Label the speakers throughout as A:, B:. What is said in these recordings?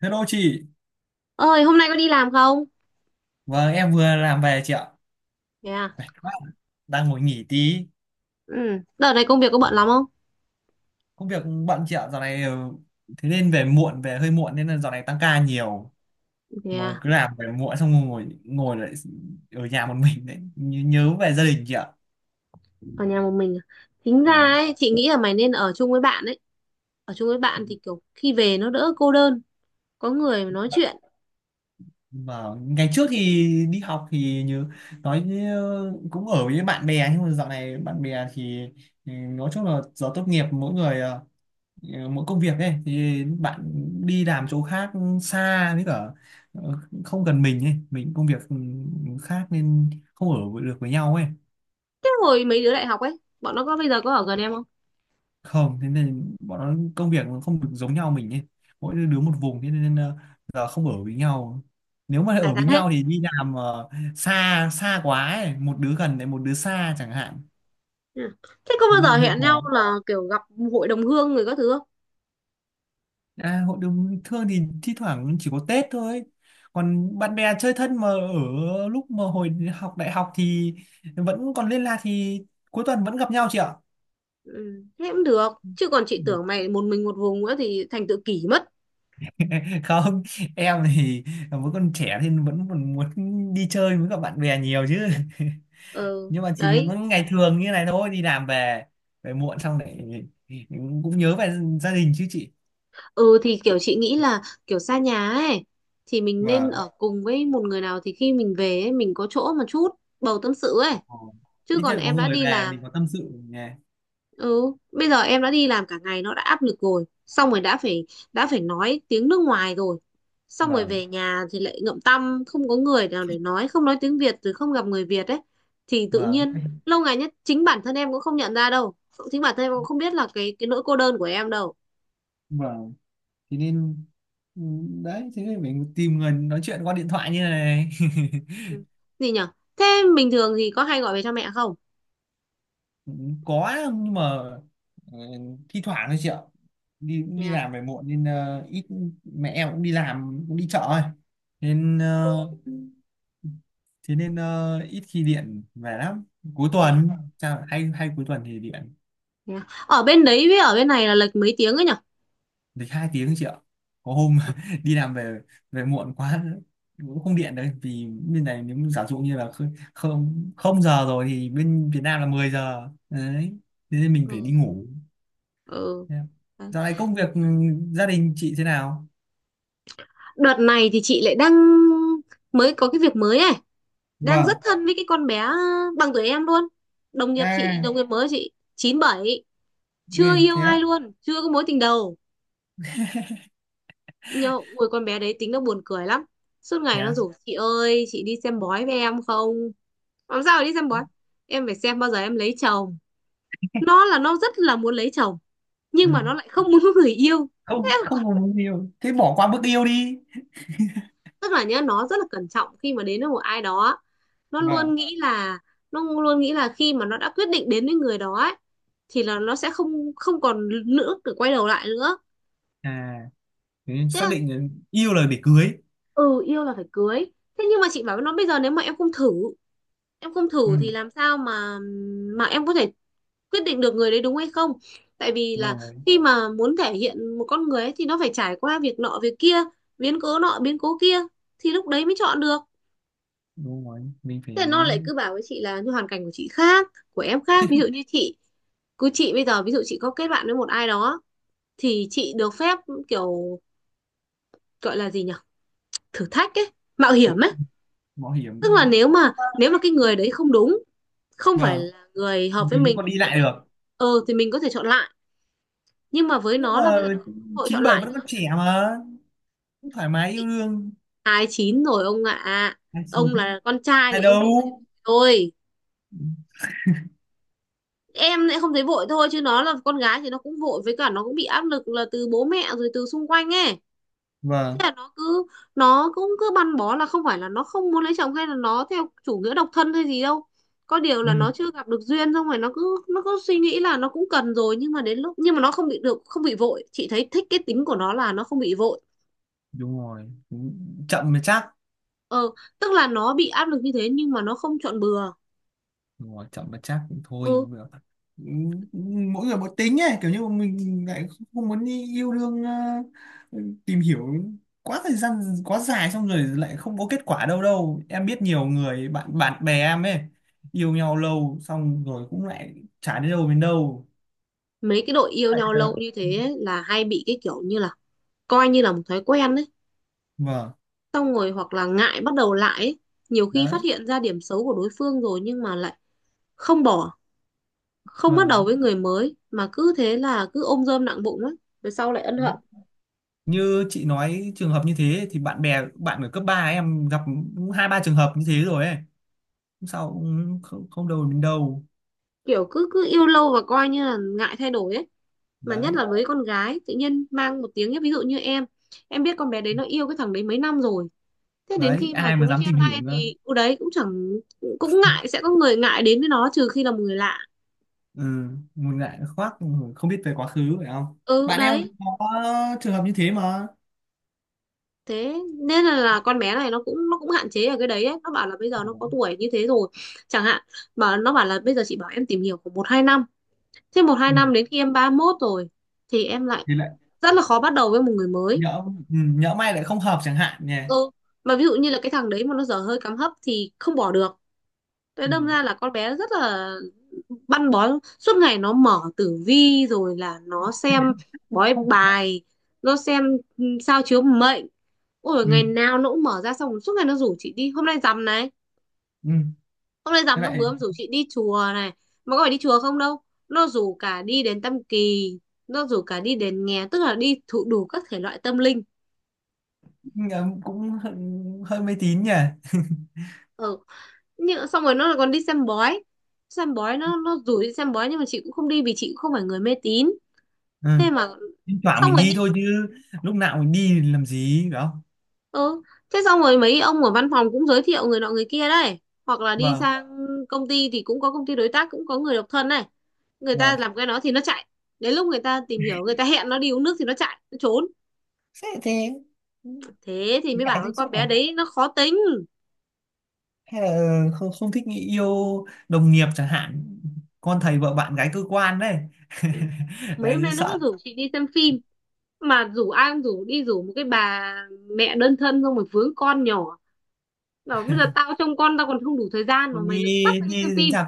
A: Hello chị,
B: Ơi, hôm nay có đi làm không?
A: vâng em vừa làm về chị ạ.
B: Thế à.
A: Mệt quá, đang ngồi nghỉ tí.
B: Ừ, đợt này công việc có bận lắm không?
A: Công việc bận chị ạ, dạo này thế nên về muộn, về hơi muộn nên là dạo này tăng ca nhiều.
B: Thế
A: Mà
B: à.
A: cứ làm về muộn xong ngồi ngồi lại ở nhà một mình đấy, nhớ về gia đình chị ạ.
B: Ở nhà một mình à? Tính ra
A: Vâng.
B: ấy, chị nghĩ là mày nên ở chung với bạn ấy. Ở chung với bạn thì kiểu khi về nó đỡ cô đơn, có người mà nói chuyện.
A: Mà ngày trước thì đi học thì như nói như cũng ở với bạn bè nhưng mà dạo này thì nói chung là giờ tốt nghiệp mỗi người mỗi công việc ấy thì bạn đi làm chỗ khác xa với cả ờ, không gần mình ấy mình công việc khác nên không ở được với nhau ấy
B: Thế hồi mấy đứa đại học ấy bọn nó có bây giờ có ở gần em không?
A: không thế nên bọn nó công việc nó không được giống nhau mình ấy mỗi đứa một vùng thế nên giờ không ở với nhau nếu mà
B: Giải
A: ở với
B: tán hết.
A: nhau thì đi làm xa xa quá ấy một đứa gần lại một đứa xa chẳng hạn
B: Ừ. Thế có
A: thế
B: bao giờ
A: nên hơi
B: hẹn nhau
A: khó.
B: là kiểu gặp hội đồng hương người các thứ không?
A: À, hội đồng bình thường thì thi thoảng chỉ có Tết thôi. Còn bạn bè chơi thân mà ở lúc mà hồi học đại học thì vẫn còn liên lạc thì cuối tuần vẫn gặp nhau chị ạ.
B: Ừ, thế cũng được chứ còn chị tưởng mày một mình một vùng nữa thì thành tự kỷ mất.
A: Không, em thì vẫn còn trẻ thì vẫn còn muốn đi chơi với các bạn bè nhiều chứ.
B: Ừ
A: Nhưng mà chỉ
B: đấy.
A: mỗi ngày thường như này thôi, đi làm về về muộn xong lại cũng nhớ về gia đình chứ chị.
B: Ừ, thì kiểu chị nghĩ là kiểu xa nhà ấy, thì mình nên
A: Vâng.
B: ở cùng với một người nào thì khi mình về ấy, mình có chỗ mà chút bầu tâm sự ấy.
A: Ờ.
B: Chứ
A: Ít nhất
B: còn
A: là có
B: em đã
A: người
B: đi
A: về
B: làm.
A: mình có tâm sự nghe.
B: Ừ, bây giờ em đã đi làm cả ngày nó đã áp lực rồi, xong rồi đã phải nói tiếng nước ngoài rồi, xong rồi
A: Vâng,
B: về nhà thì lại ngậm tăm, không có người nào để nói, không nói tiếng Việt rồi, không gặp người Việt ấy, thì tự
A: vâng.
B: nhiên lâu ngày nhất chính bản thân em cũng không nhận ra đâu, chính bản thân em cũng không biết là cái nỗi cô đơn của em đâu.
A: Vâng. Thế nên ừ, đấy thế nên mình tìm người nói chuyện qua điện thoại như này.
B: Ừ. Gì nhở? Thế, bình thường thì có hay gọi về cho mẹ không?
A: Có nhưng mà ờ, thi thoảng thôi chị ạ đi
B: Thế
A: đi
B: à.
A: làm về muộn nên ít, mẹ em cũng đi làm cũng đi chợ thôi nên thế nên ít khi điện về lắm, cuối
B: Thế à.
A: tuần sao hay hay cuối tuần thì điện.
B: Thế à. Ở bên đấy với ở bên này là lệch mấy tiếng ấy nhở?
A: Lịch hai tiếng chị ạ. Có hôm đi làm về về muộn quá cũng không điện đấy vì bên này nếu giả dụ như là không không không giờ rồi thì bên Việt Nam là 10 giờ đấy thế nên mình phải đi
B: Ừ.
A: ngủ.
B: Ừ.
A: Thế dạo này công việc gia đình chị thế nào?
B: Đợt này thì chị lại đang mới có cái việc mới này. Đang rất
A: Vâng.
B: thân với cái con bé bằng tuổi em luôn, đồng nghiệp chị,
A: À,
B: đồng nghiệp mới chị, 97, chưa
A: người
B: yêu
A: thế
B: ai
A: á.
B: luôn, chưa có mối tình đầu. Nhưng ôi, con bé đấy tính nó buồn cười lắm. Suốt
A: Thế
B: ngày nó
A: ạ?
B: rủ: chị ơi chị đi xem bói với em không? Làm sao mà đi xem bói, em phải xem bao giờ em lấy chồng. Nó rất là muốn lấy chồng
A: Ừ.
B: nhưng mà nó lại không muốn có người yêu. Thế
A: Không,
B: còn-
A: không có mối yêu thế bỏ qua bước yêu đi.
B: Tức là nhá, nó rất là cẩn trọng khi mà đến với một ai đó. nó luôn
A: Vâng.
B: nghĩ là nó luôn nghĩ là khi mà nó đã quyết định đến với người đó ấy, thì là nó sẽ không không còn nữa để quay đầu lại nữa.
A: À, thế nên
B: thế
A: xác
B: là,
A: định là yêu là để cưới.
B: ừ, yêu là phải cưới. Thế nhưng mà chị bảo với nó, bây giờ nếu mà em không thử em không
A: Ừ.
B: thử thì làm sao mà em có thể quyết định được người đấy đúng hay không. Tại vì
A: Đúng
B: là
A: rồi,
B: khi mà muốn thể hiện một con người ấy, thì nó phải trải qua việc nọ việc kia, biến cố nọ biến cố kia, thì lúc đấy mới chọn được.
A: đúng rồi mình
B: Thế
A: phải
B: là nó lại cứ bảo với chị là như hoàn cảnh của chị khác, của em khác. Ví dụ như chị, cứ chị bây giờ ví dụ chị có kết bạn với một ai đó thì chị được phép, kiểu, gọi là gì nhỉ, thử thách ấy, mạo hiểm ấy.
A: mạo
B: Tức là
A: hiểm,
B: nếu mà cái người đấy không đúng, không phải
A: vâng,
B: là người hợp với
A: mình cũng
B: mình
A: còn
B: thì
A: đi
B: chị
A: lại
B: có,
A: được,
B: ừ thì mình có thể chọn lại, nhưng mà với
A: nhưng
B: nó là
A: mà
B: bây giờ nó không có cơ hội
A: chín
B: chọn
A: bảy
B: lại
A: vẫn
B: nữa.
A: còn trẻ mà, cũng thoải mái yêu
B: Chị
A: đương.
B: 29 rồi ông ạ.
A: Hai chín?
B: Ông là con trai
A: Hai
B: thì ông
A: đâu?
B: không thấy vội thôi, em lại không thấy vội thôi chứ nó là con gái thì nó cũng vội với cả nó cũng bị áp lực là từ bố mẹ rồi từ xung quanh ấy. Thế
A: Vâng,
B: là nó cứ, nó cũng cứ băn bó là không phải là nó không muốn lấy chồng hay là nó theo chủ nghĩa độc thân hay gì đâu. Có điều là
A: ừ,
B: nó chưa gặp được duyên, xong rồi nó cứ suy nghĩ là nó cũng cần rồi, nhưng mà đến lúc nhưng mà nó không bị được, không bị vội. Chị thấy thích cái tính của nó là nó không bị vội.
A: đúng rồi. Cũng chậm mà chắc.
B: Ờ, tức là nó bị áp lực như thế nhưng mà nó không chọn bừa.
A: Đúng rồi, chậm mà chắc cũng thôi
B: Ừ,
A: cũng được. Ừ, mỗi người một tính ấy kiểu như mình lại không muốn đi yêu đương tìm hiểu quá thời gian quá dài xong rồi lại không có kết quả, đâu đâu em biết nhiều người bạn bạn bè em ấy yêu nhau lâu xong rồi cũng lại chả đến đâu.
B: mấy cái đội yêu
A: Vậy
B: nhau lâu
A: là-
B: như thế ấy, là hay bị cái kiểu như là coi như là một thói quen đấy.
A: vâng.
B: Xong rồi hoặc là ngại bắt đầu lại ấy. Nhiều khi phát
A: Đấy.
B: hiện ra điểm xấu của đối phương rồi nhưng mà lại không bỏ, không bắt đầu với
A: Vâng.
B: người mới mà cứ thế là cứ ôm rơm nặng bụng ấy, rồi sau lại ân
A: Đấy
B: hận.
A: như chị nói trường hợp như thế thì bạn bè bạn ở cấp 3 em gặp cũng hai ba trường hợp như thế rồi ấy. Không sao cũng không, không đâu đến đâu.
B: Kiểu cứ cứ yêu lâu và coi như là ngại thay đổi ấy. Mà nhất
A: Đấy.
B: là với con gái tự nhiên mang một tiếng nhé. Ví dụ như em biết con bé đấy nó yêu cái thằng đấy mấy năm rồi, thế đến
A: Đấy
B: khi mà
A: ai mà
B: chúng nó
A: dám
B: chia
A: tìm hiểu
B: tay
A: nữa.
B: thì ừ đấy cũng chẳng, cũng ngại, sẽ có người ngại đến với nó trừ khi là một người lạ.
A: Ừ, một ngại khoác, không biết về quá khứ phải không?
B: Ừ
A: Bạn em
B: đấy.
A: cũng có trường hợp như thế mà.
B: Thế nên là con bé này nó cũng hạn chế ở cái đấy ấy. Nó bảo là bây giờ nó có tuổi như thế rồi, chẳng hạn, mà nó bảo là bây giờ chị bảo em tìm hiểu khoảng 1-2 năm. Thế một hai
A: Ừ,
B: năm đến khi em 31 rồi thì em lại
A: thì lại
B: rất là khó bắt đầu với một người mới.
A: nhỡ, nhỡ may lại không hợp chẳng hạn nhỉ.
B: Ừ, mà ví dụ như là cái thằng đấy mà nó dở hơi cắm hấp thì không bỏ được. Thế
A: Ừ,
B: đâm ra là con bé rất là băn bó, suốt ngày nó mở tử vi rồi là nó xem bói bài, nó xem, ừ, sao chiếu mệnh. Ôi
A: ừ,
B: ngày nào nó cũng mở ra, xong rồi suốt ngày nó rủ chị đi hôm nay rằm này,
A: ừ.
B: hôm nay
A: Thế
B: rằm nó
A: lại
B: vừa mới rủ chị đi chùa này, mà có phải đi chùa không đâu, nó rủ cả đi đến Tam Kỳ, nó rủ cả đi đến nghè, tức là đi thụ đủ các thể loại tâm linh.
A: cũng cũng hơi, hơi mê tín nhỉ.
B: Ừ. Nhưng xong rồi nó còn đi xem bói. Xem bói nó rủ đi xem bói nhưng mà chị cũng không đi vì chị cũng không phải người mê tín.
A: Ừ.
B: Thế mà,
A: Thỉnh thoảng
B: xong
A: mình
B: rồi
A: đi
B: nhưng,
A: thôi chứ, lúc nào mình đi thì làm gì phải không?
B: ừ. Thế xong rồi mấy ông ở văn phòng cũng giới thiệu người nọ người kia đấy, hoặc là đi
A: Vâng.
B: sang công ty thì cũng có công ty đối tác cũng có người độc thân này, người ta
A: Vâng.
B: làm cái đó thì nó chạy. Đến lúc người ta tìm hiểu, người ta hẹn nó đi uống nước thì nó chạy, nó trốn.
A: Thế thế.
B: Thế thì mới
A: Ngại
B: bảo cái
A: tiếp
B: con
A: xúc à,
B: bé đấy nó khó tính.
A: hay là không, không thích nghĩ yêu đồng nghiệp chẳng hạn, con thầy vợ bạn gái cơ quan đấy.
B: Mấy
A: Lại
B: hôm
A: cứ
B: nay nó
A: sợ.
B: cứ rủ chị đi xem phim, mà rủ ai cũng rủ, đi rủ một cái bà mẹ đơn thân xong rồi vướng con nhỏ, bảo bây giờ tao trông con tao còn không đủ thời gian mà
A: Còn
B: mày
A: đi
B: lại cứ bắt tao đi xem
A: đi đến
B: phim.
A: rạp,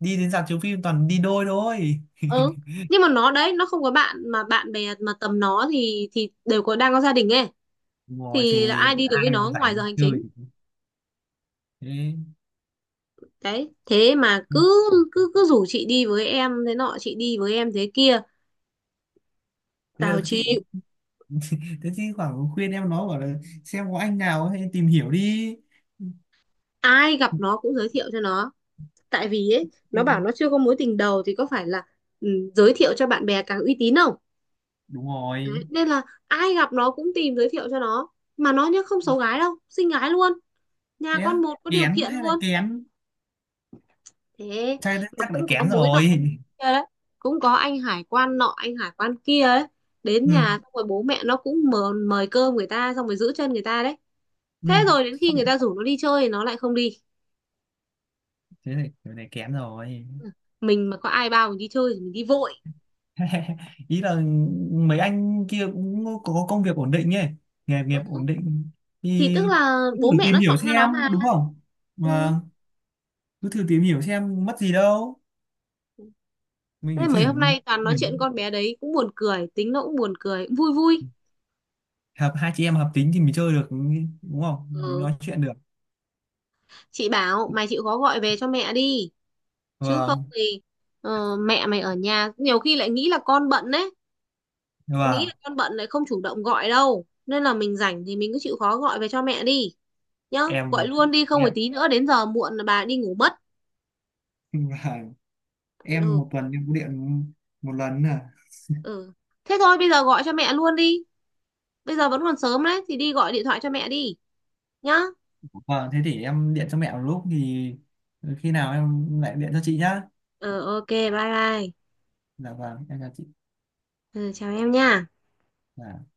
A: đi đến rạp chiếu phim toàn đi đôi thôi.
B: Ừ, nhưng mà nó đấy nó không có bạn, mà bạn bè mà tầm nó thì đều có, đang có gia đình ấy,
A: Ngồi
B: thì là
A: thì
B: ai đi được với
A: ai mà
B: nó ngoài giờ
A: rảnh
B: hành
A: chơi.
B: chính.
A: Thế.
B: Đấy thế mà cứ, cứ rủ chị đi với em thế nọ chị đi với em thế kia.
A: thế là
B: Tao chịu.
A: thì, thế thì khoảng khuyên em nó bảo là xem có anh nào hay tìm hiểu đi.
B: Ai gặp nó cũng giới thiệu cho nó, tại vì ấy nó bảo nó chưa có mối tình đầu thì có phải là, ừ, giới thiệu cho bạn bè càng uy tín không.
A: Đúng rồi.
B: Đấy, nên là ai gặp nó cũng tìm giới thiệu cho nó, mà nó nhá không xấu gái đâu, xinh gái luôn, nhà
A: Thế
B: con
A: á,
B: một có điều
A: kén
B: kiện
A: hay là
B: luôn.
A: kén,
B: Thế
A: chắc
B: mà
A: chắc là
B: cũng có
A: kén
B: mối nọ
A: rồi.
B: kia đấy, cũng có anh hải quan nọ anh hải quan kia ấy, đến
A: Ừ.
B: nhà xong rồi bố mẹ nó cũng mời cơm người ta xong rồi giữ chân người ta đấy.
A: Ừ.
B: Thế rồi đến khi
A: Xong
B: người
A: rồi,
B: ta rủ nó đi chơi thì nó lại không đi.
A: thế này kén rồi.
B: Mình mà có ai bao mình đi chơi thì mình đi vội.
A: Ý là mấy anh kia cũng có công việc ổn định ấy, nghề nghiệp ổn định
B: Thì
A: thì
B: tức là
A: thử
B: bố mẹ
A: tìm
B: nó
A: hiểu
B: chọn cho nó
A: xem
B: mà.
A: đúng không,
B: Ừ.
A: mà cứ thử tìm hiểu xem mất gì đâu, mình chỉ
B: Thế mấy
A: thử.
B: hôm nay toàn nói chuyện
A: Thử-
B: con bé đấy, cũng buồn cười, tính nó cũng buồn cười, vui vui.
A: hợp, hai chị em hợp tính thì mình chơi được đúng không, mình
B: Ừ.
A: nói chuyện được.
B: Chị bảo mày chịu khó gọi về cho mẹ đi, chứ không
A: Vâng.
B: thì, mẹ mày ở nhà nhiều khi lại nghĩ là con bận đấy, nghĩ là
A: Vâng.
B: con bận lại không chủ động gọi đâu, nên là mình rảnh thì mình cứ chịu khó gọi về cho mẹ đi nhá. Gọi
A: em
B: luôn đi không phải
A: em
B: tí nữa đến giờ muộn là bà đi ngủ mất.
A: vâng. Em
B: Ừ.
A: một tuần em có điện một lần à?
B: Ừ. Thế thôi bây giờ gọi cho mẹ luôn đi, bây giờ vẫn còn sớm đấy thì đi gọi điện thoại cho mẹ đi nhá.
A: Vâng, thế thì em điện cho mẹ một lúc thì khi nào em lại điện cho chị nhá.
B: Ờ, ok, bye bye.
A: Dạ vâng, em chào chị.
B: Ừ, chào em nha.
A: Dạ.